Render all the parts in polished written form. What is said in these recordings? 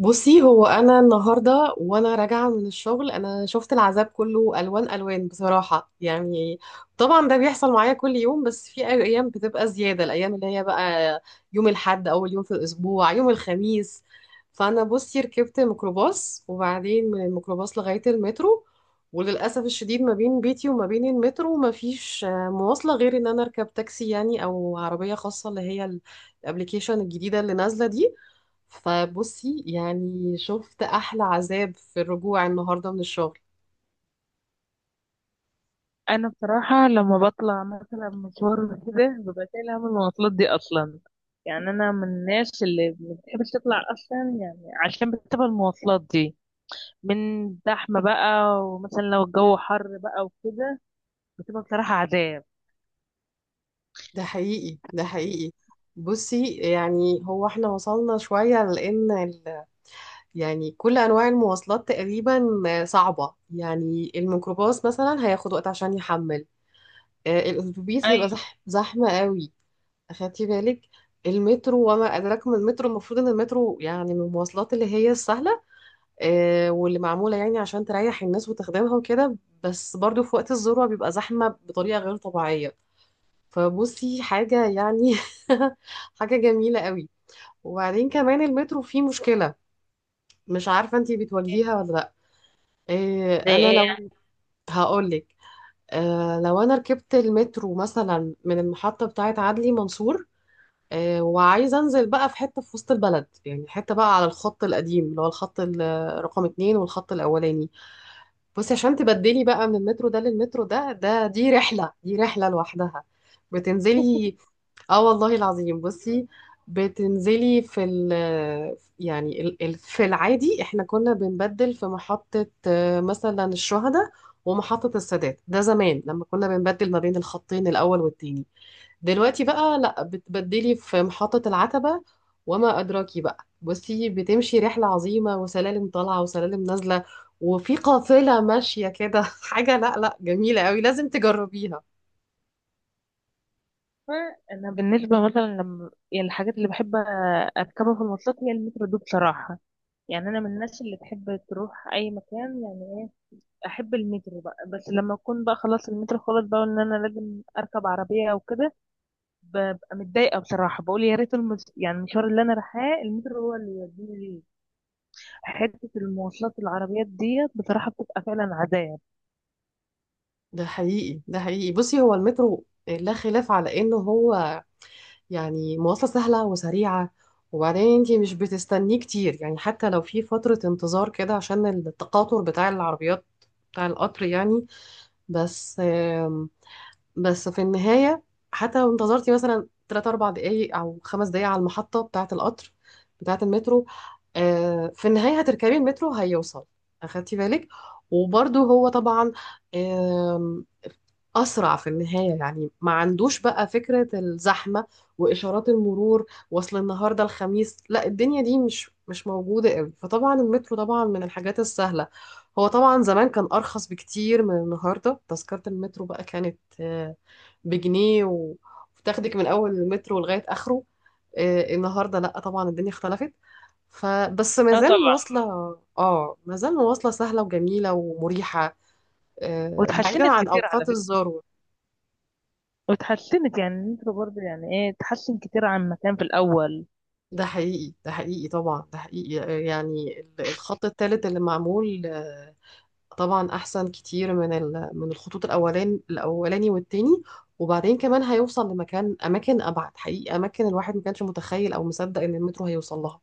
بصي، هو انا النهارده وانا راجعه من الشغل انا شفت العذاب كله الوان الوان بصراحه يعني. طبعا ده بيحصل معايا كل يوم، بس في ايام بتبقى زياده، الايام اللي هي بقى يوم الاحد اول يوم في الاسبوع، يوم الخميس. فانا بصي ركبت ميكروباص وبعدين من الميكروباص لغايه المترو. وللاسف الشديد ما بين بيتي وما بين المترو ما فيش مواصله غير ان انا اركب تاكسي يعني، او عربيه خاصه اللي هي الابليكيشن الجديده اللي نازله دي. فبصي يعني شفت احلى عذاب في الرجوع النهارده من الشغل. انا بصراحه لما بطلع مثلا مشوار كده ببقى شايله هم المواصلات دي اصلا. يعني انا من الناس اللي ما بتحبش تطلع اصلا، يعني عشان بتبقى المواصلات دي من زحمه بقى، ومثلا لو الجو حر بقى وكده بتبقى بصراحه عذاب. ده حقيقي، ده حقيقي. بصي يعني هو احنا وصلنا شويه لان يعني كل انواع المواصلات تقريبا صعبه، يعني الميكروباص مثلا هياخد وقت عشان يحمل، الاتوبيس هيبقى ايوه. زحمه قوي. اخدتي بالك؟ المترو وما ادراك ما المترو، المفروض ان المترو يعني من المواصلات اللي هي السهله، واللي معمولة يعني عشان تريح الناس وتخدمها وكده. بس برضو في وقت الذروة بيبقى زحمة بطريقة غير طبيعية. فبصي حاجة يعني حاجة جميلة قوي. وبعدين كمان المترو فيه مشكلة، مش عارفة انتي بتواجهيها ولا لأ. زي انا ايه؟ لو هقولك. لو انا ركبت المترو مثلا من المحطة بتاعة عدلي منصور، وعايزة انزل بقى في حتة في وسط البلد، يعني حتة بقى على الخط القديم اللي هو الخط رقم اتنين، والخط الاولاني. بصي عشان تبدلي بقى من المترو ده للمترو ده، دي رحلة، دي رحلة لوحدها. بتنزلي، اه والله العظيم بصي، بتنزلي في ال يعني ال ال في العادي احنا كنا بنبدل في محطة، مثلا الشهداء ومحطة السادات، ده زمان لما كنا بنبدل ما بين الخطين الأول والتاني. دلوقتي بقى لا، بتبدلي في محطة العتبة، وما أدراكي بقى. بصي بتمشي رحلة عظيمة، وسلالم طالعة وسلالم نازلة، وفي قافلة ماشية كده حاجة لا جميلة قوي، لازم تجربيها. انا بالنسبه مثلا لما يعني الحاجات اللي بحب اركبها في المواصلات هي المترو دي بصراحه. يعني انا من الناس اللي تحب تروح اي مكان، يعني احب المترو بقى، بس لما اكون بقى خلاص المترو خلاص بقى ان انا لازم اركب عربيه او كده ببقى متضايقه بصراحه. بقول يا ريت يعني المشوار اللي انا رايحاه المترو هو اللي يوديني ليه. حته المواصلات العربيات ديت بصراحه بتبقى فعلا عذاب. ده حقيقي، ده حقيقي. بصي هو المترو لا خلاف على انه هو يعني مواصلة سهلة وسريعة. وبعدين انتي مش بتستنيه كتير، يعني حتى لو في فترة انتظار كده عشان التقاطر بتاع العربيات، بتاع القطر يعني. بس بس في النهاية حتى لو انتظرتي مثلا 3 4 دقايق أو 5 دقايق على المحطة بتاعة القطر، بتاعة المترو، في النهاية هتركبي المترو، هيوصل. أخدتي بالك؟ وبرضه هو طبعا أسرع في النهاية، يعني ما عندوش بقى فكرة الزحمة وإشارات المرور. وصل النهاردة الخميس، لا الدنيا دي مش موجودة قوي. فطبعا المترو طبعا من الحاجات السهلة. هو طبعا زمان كان أرخص بكتير من النهاردة، تذكرة المترو بقى كانت بجنيه وتاخدك من أول المترو لغاية آخره. النهاردة لا طبعا الدنيا اختلفت. فبس ما اه زال طبعا. مواصلة، اه ما زال مواصلة سهلة وجميلة ومريحة، بعيدا واتحسنت عن كتير على أوقات فكره، الذروة. واتحسنت يعني المترو برضه يعني ايه اتحسن كتير عن ما كان في الاول. ده حقيقي، ده حقيقي، طبعا ده حقيقي. يعني الخط الثالث اللي معمول، طبعا احسن كتير من من الخطوط الاولاني والتاني. وبعدين كمان هيوصل لمكان، اماكن ابعد حقيقي، اماكن الواحد ما كانش متخيل او مصدق ان المترو هيوصل لها.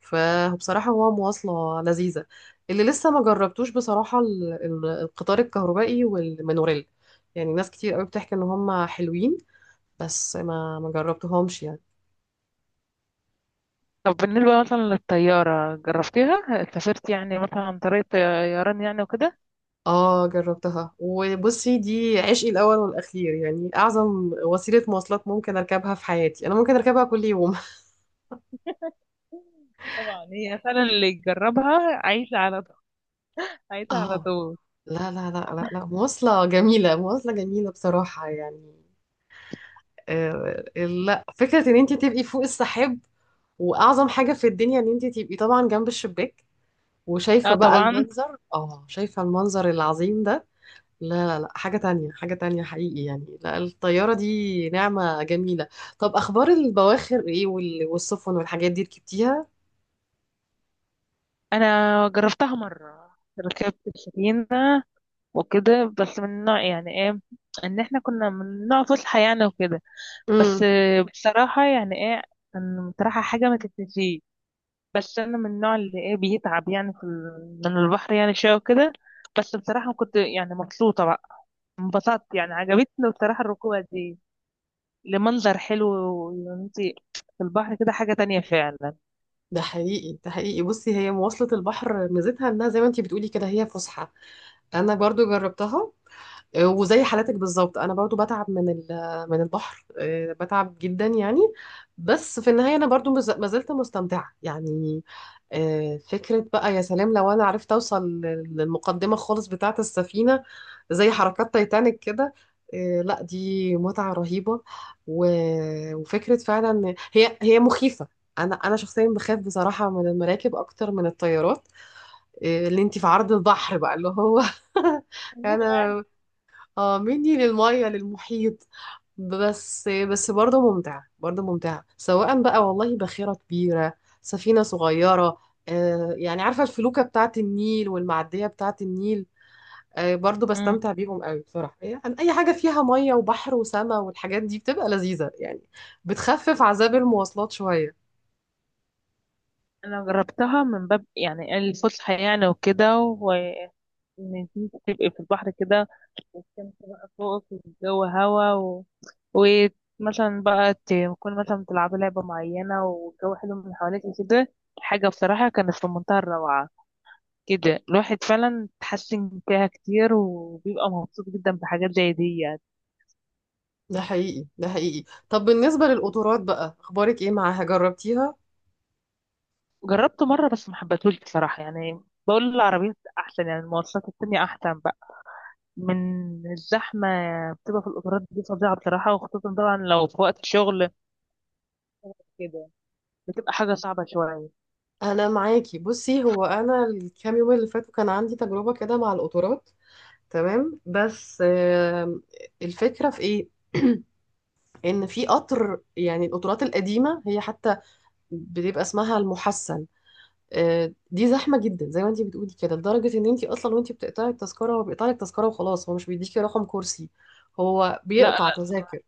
فبصراحة هو مواصلة لذيذة. اللي لسه ما جربتوش بصراحة القطار الكهربائي والمونوريل، يعني ناس كتير قوي بتحكي ان هم حلوين، بس ما جربتهمش يعني. طب بالنسبة مثلا للطيارة جربتيها؟ سافرت يعني مثلا عن طريق طيران يعني وكده؟ اه جربتها، وبصي دي عشقي الاول والاخير، يعني اعظم وسيله مواصلات ممكن اركبها في حياتي، انا ممكن اركبها كل يوم. طبعا هي فعلا اللي يجربها عايشة على عايزة على اه، طول. لا مواصله جميله، مواصله جميله بصراحه يعني. آه، لا، فكره ان انت تبقي فوق السحاب، واعظم حاجه في الدنيا ان انت تبقي طبعا جنب الشباك، وشايفه اه بقى طبعا. المنظر، اه شايفه المنظر العظيم ده. لا حاجة تانية، حاجة تانية حقيقي يعني. لا الطيارة دي نعمة جميلة. طب أخبار البواخر إيه، والسفن والحاجات دي ركبتيها؟ انا جربتها مرة، ركبت السفينة وكده، بس من نوع يعني ايه ان احنا كنا من نوع فسحة يعني وكده. بس امم. بصراحة يعني ايه كان بصراحة حاجة ما تتنسيش. بس انا من النوع اللي ايه بيتعب يعني من البحر يعني شوية وكده. بس بصراحة كنت يعني مبسوطة بقى، انبسطت يعني عجبتني بصراحة الركوبة دي لمنظر حلو، وانتي في البحر كده حاجة تانية. ده حقيقي، ده حقيقي. بصي هي مواصلة البحر ميزتها إنها زي ما أنتي بتقولي كده، هي فسحة. أنا برضو جربتها. وزي حالتك بالظبط انا برضو بتعب من من البحر، بتعب جدا يعني. بس في النهايه انا برضو ما زلت مستمتعه يعني. فكره بقى يا سلام لو انا عرفت اوصل للمقدمه خالص بتاعه السفينه، زي حركات تايتانيك كده. لا دي متعه رهيبه. وفكره فعلا إن هي مخيفه. انا شخصيا بخاف بصراحه من المراكب اكتر من الطيارات، اللي انت في عرض البحر بقى اللي هو فعلا. انا اه، مني للمية للمحيط. بس برضه ممتع، برضه ممتع، سواء بقى والله باخرة كبيرة، سفينة صغيرة. آه يعني عارفة الفلوكة بتاعة النيل والمعدية بتاعة النيل، آه برضه بستمتع بيهم قوي بصراحة. يعني أي حاجة فيها مية وبحر وسماء والحاجات دي بتبقى لذيذة يعني، بتخفف عذاب المواصلات شوية. انا جربتها من باب يعني الفسحه يعني، وكده وان انت تبقي في البحر كده والشمس بقى فوقك والجو هوا. ومثلا بقى تكون مثلا بتلعبي لعبه معينه والجو حلو من حواليكي كده، حاجه بصراحه كانت في منتهى الروعه. كده الواحد فعلا تحسن فيها كتير وبيبقى مبسوط جدا بحاجات زي دي يعني. ده حقيقي، ده حقيقي. طب بالنسبة للقطارات بقى أخبارك إيه معاها، جربتيها؟ جربته مره بس ما حبيتهوش بصراحه يعني. بقول العربيات احسن يعني المواصلات التانية احسن بقى. من الزحمة بتبقى في القطارات دي فظيعة بصراحة، وخصوصا طبعا لو في وقت شغل كده بتبقى حاجة صعبة شوية. انا معاكي. بصي هو انا الكام يوم اللي فاتوا كان عندي تجربه كده مع القطارات. تمام، بس الفكره في ايه؟ ان في قطر، يعني القطارات القديمه هي حتى بتبقى اسمها المحسن، دي زحمه جدا زي ما انت بتقولي كده، لدرجه ان انت اصلا وانت بتقطعي التذكره هو بيقطع لك تذكره وخلاص، هو مش بيديكي رقم كرسي. هو لا، بيقطع لا. تذاكر.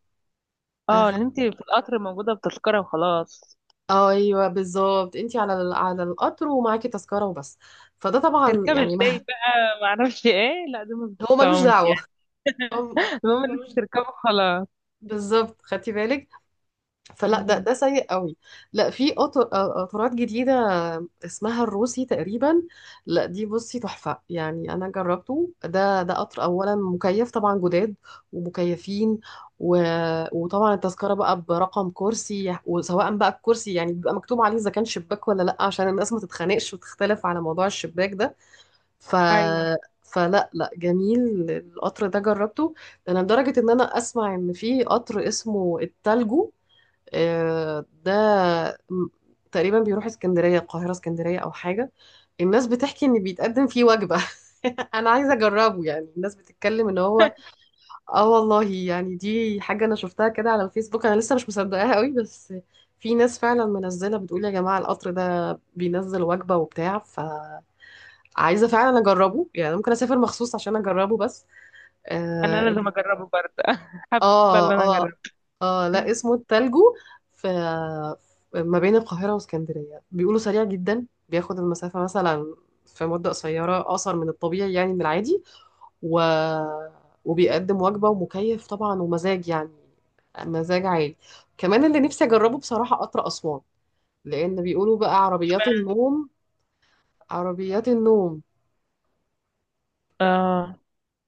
اه أخ... اللي انت في القطر موجودة بتذكرة وخلاص. ايوه بالظبط، انت على على القطر ومعاكي تذكره وبس. فده طبعا تركبي يعني ما. ازاي بقى معرفش ايه. لا دي ما هو ملوش بتفهمش دعوه، يعني. هو هو المهم ان ملوش. انت تركبي خلاص. بالظبط، خدتي بالك؟ فلا، ده مم. ده سيء قوي. لا في قطارات جديده اسمها الروسي تقريبا. لا دي بصي تحفه يعني. انا جربته، ده قطر، اولا مكيف طبعا، جداد ومكيفين، و... وطبعا التذكره بقى برقم كرسي، وسواء بقى الكرسي يعني بيبقى مكتوب عليه اذا كان شباك ولا لا، عشان الناس ما تتخانقش وتختلف على موضوع الشباك ده. ف، ايوه فلا لا جميل. القطر ده جربته. ده انا لدرجة ان انا اسمع ان في قطر اسمه التلجو، ده م- تقريبا بيروح اسكندرية، القاهرة اسكندرية او حاجة. الناس بتحكي ان بيتقدم فيه وجبة. انا عايزة اجربه يعني، الناس بتتكلم ان هو، اه والله يعني دي حاجة انا شفتها كده على الفيسبوك، انا لسه مش مصدقاها قوي، بس في ناس فعلا منزلة بتقول يا جماعة القطر ده بينزل وجبة وبتاع. ف عايزة فعلا أجربه، يعني ممكن أسافر مخصوص عشان أجربه بس. انا آه، لازم اجربه برضه حابة ان آه انا آه, اجربه. آه لا اسمه التلجو، في ما بين القاهرة واسكندرية، بيقولوا سريع جدا بياخد المسافة مثلا في مدة قصيرة، أقصر من الطبيعي يعني من العادي. و... وبيقدم وجبة ومكيف طبعا، ومزاج يعني، مزاج عالي. كمان اللي نفسي أجربه بصراحة قطر أسوان، لأن بيقولوا بقى عربيات اشمعنى؟ النوم. عربيات النوم اه.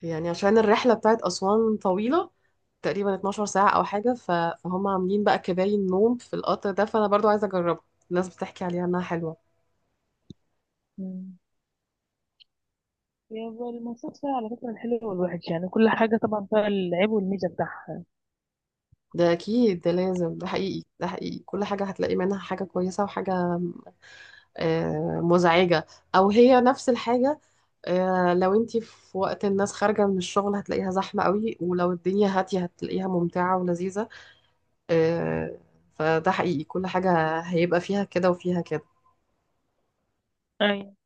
يعني عشان الرحلة بتاعت أسوان طويلة، تقريبا 12 ساعة أو حاجة. فهم عاملين بقى كباين نوم في القطر ده، فأنا برضو عايزة أجربها، الناس بتحكي عليها إنها حلوة. مم. هي المواصلات فيها على فكرة الحلو والوحش، يعني كل حاجة طبعا فيها العيب والميزة بتاعها. ده أكيد، ده لازم، ده حقيقي، ده حقيقي. كل حاجة هتلاقي منها حاجة كويسة وحاجة مزعجة، أو هي نفس الحاجة، لو انتي في وقت الناس خارجة من الشغل هتلاقيها زحمة قوي، ولو الدنيا هادية هتلاقيها ممتعة ولذيذة. آه، فده حقيقي كل حاجة هيبقى فيها كده وفيها كده. أيوة.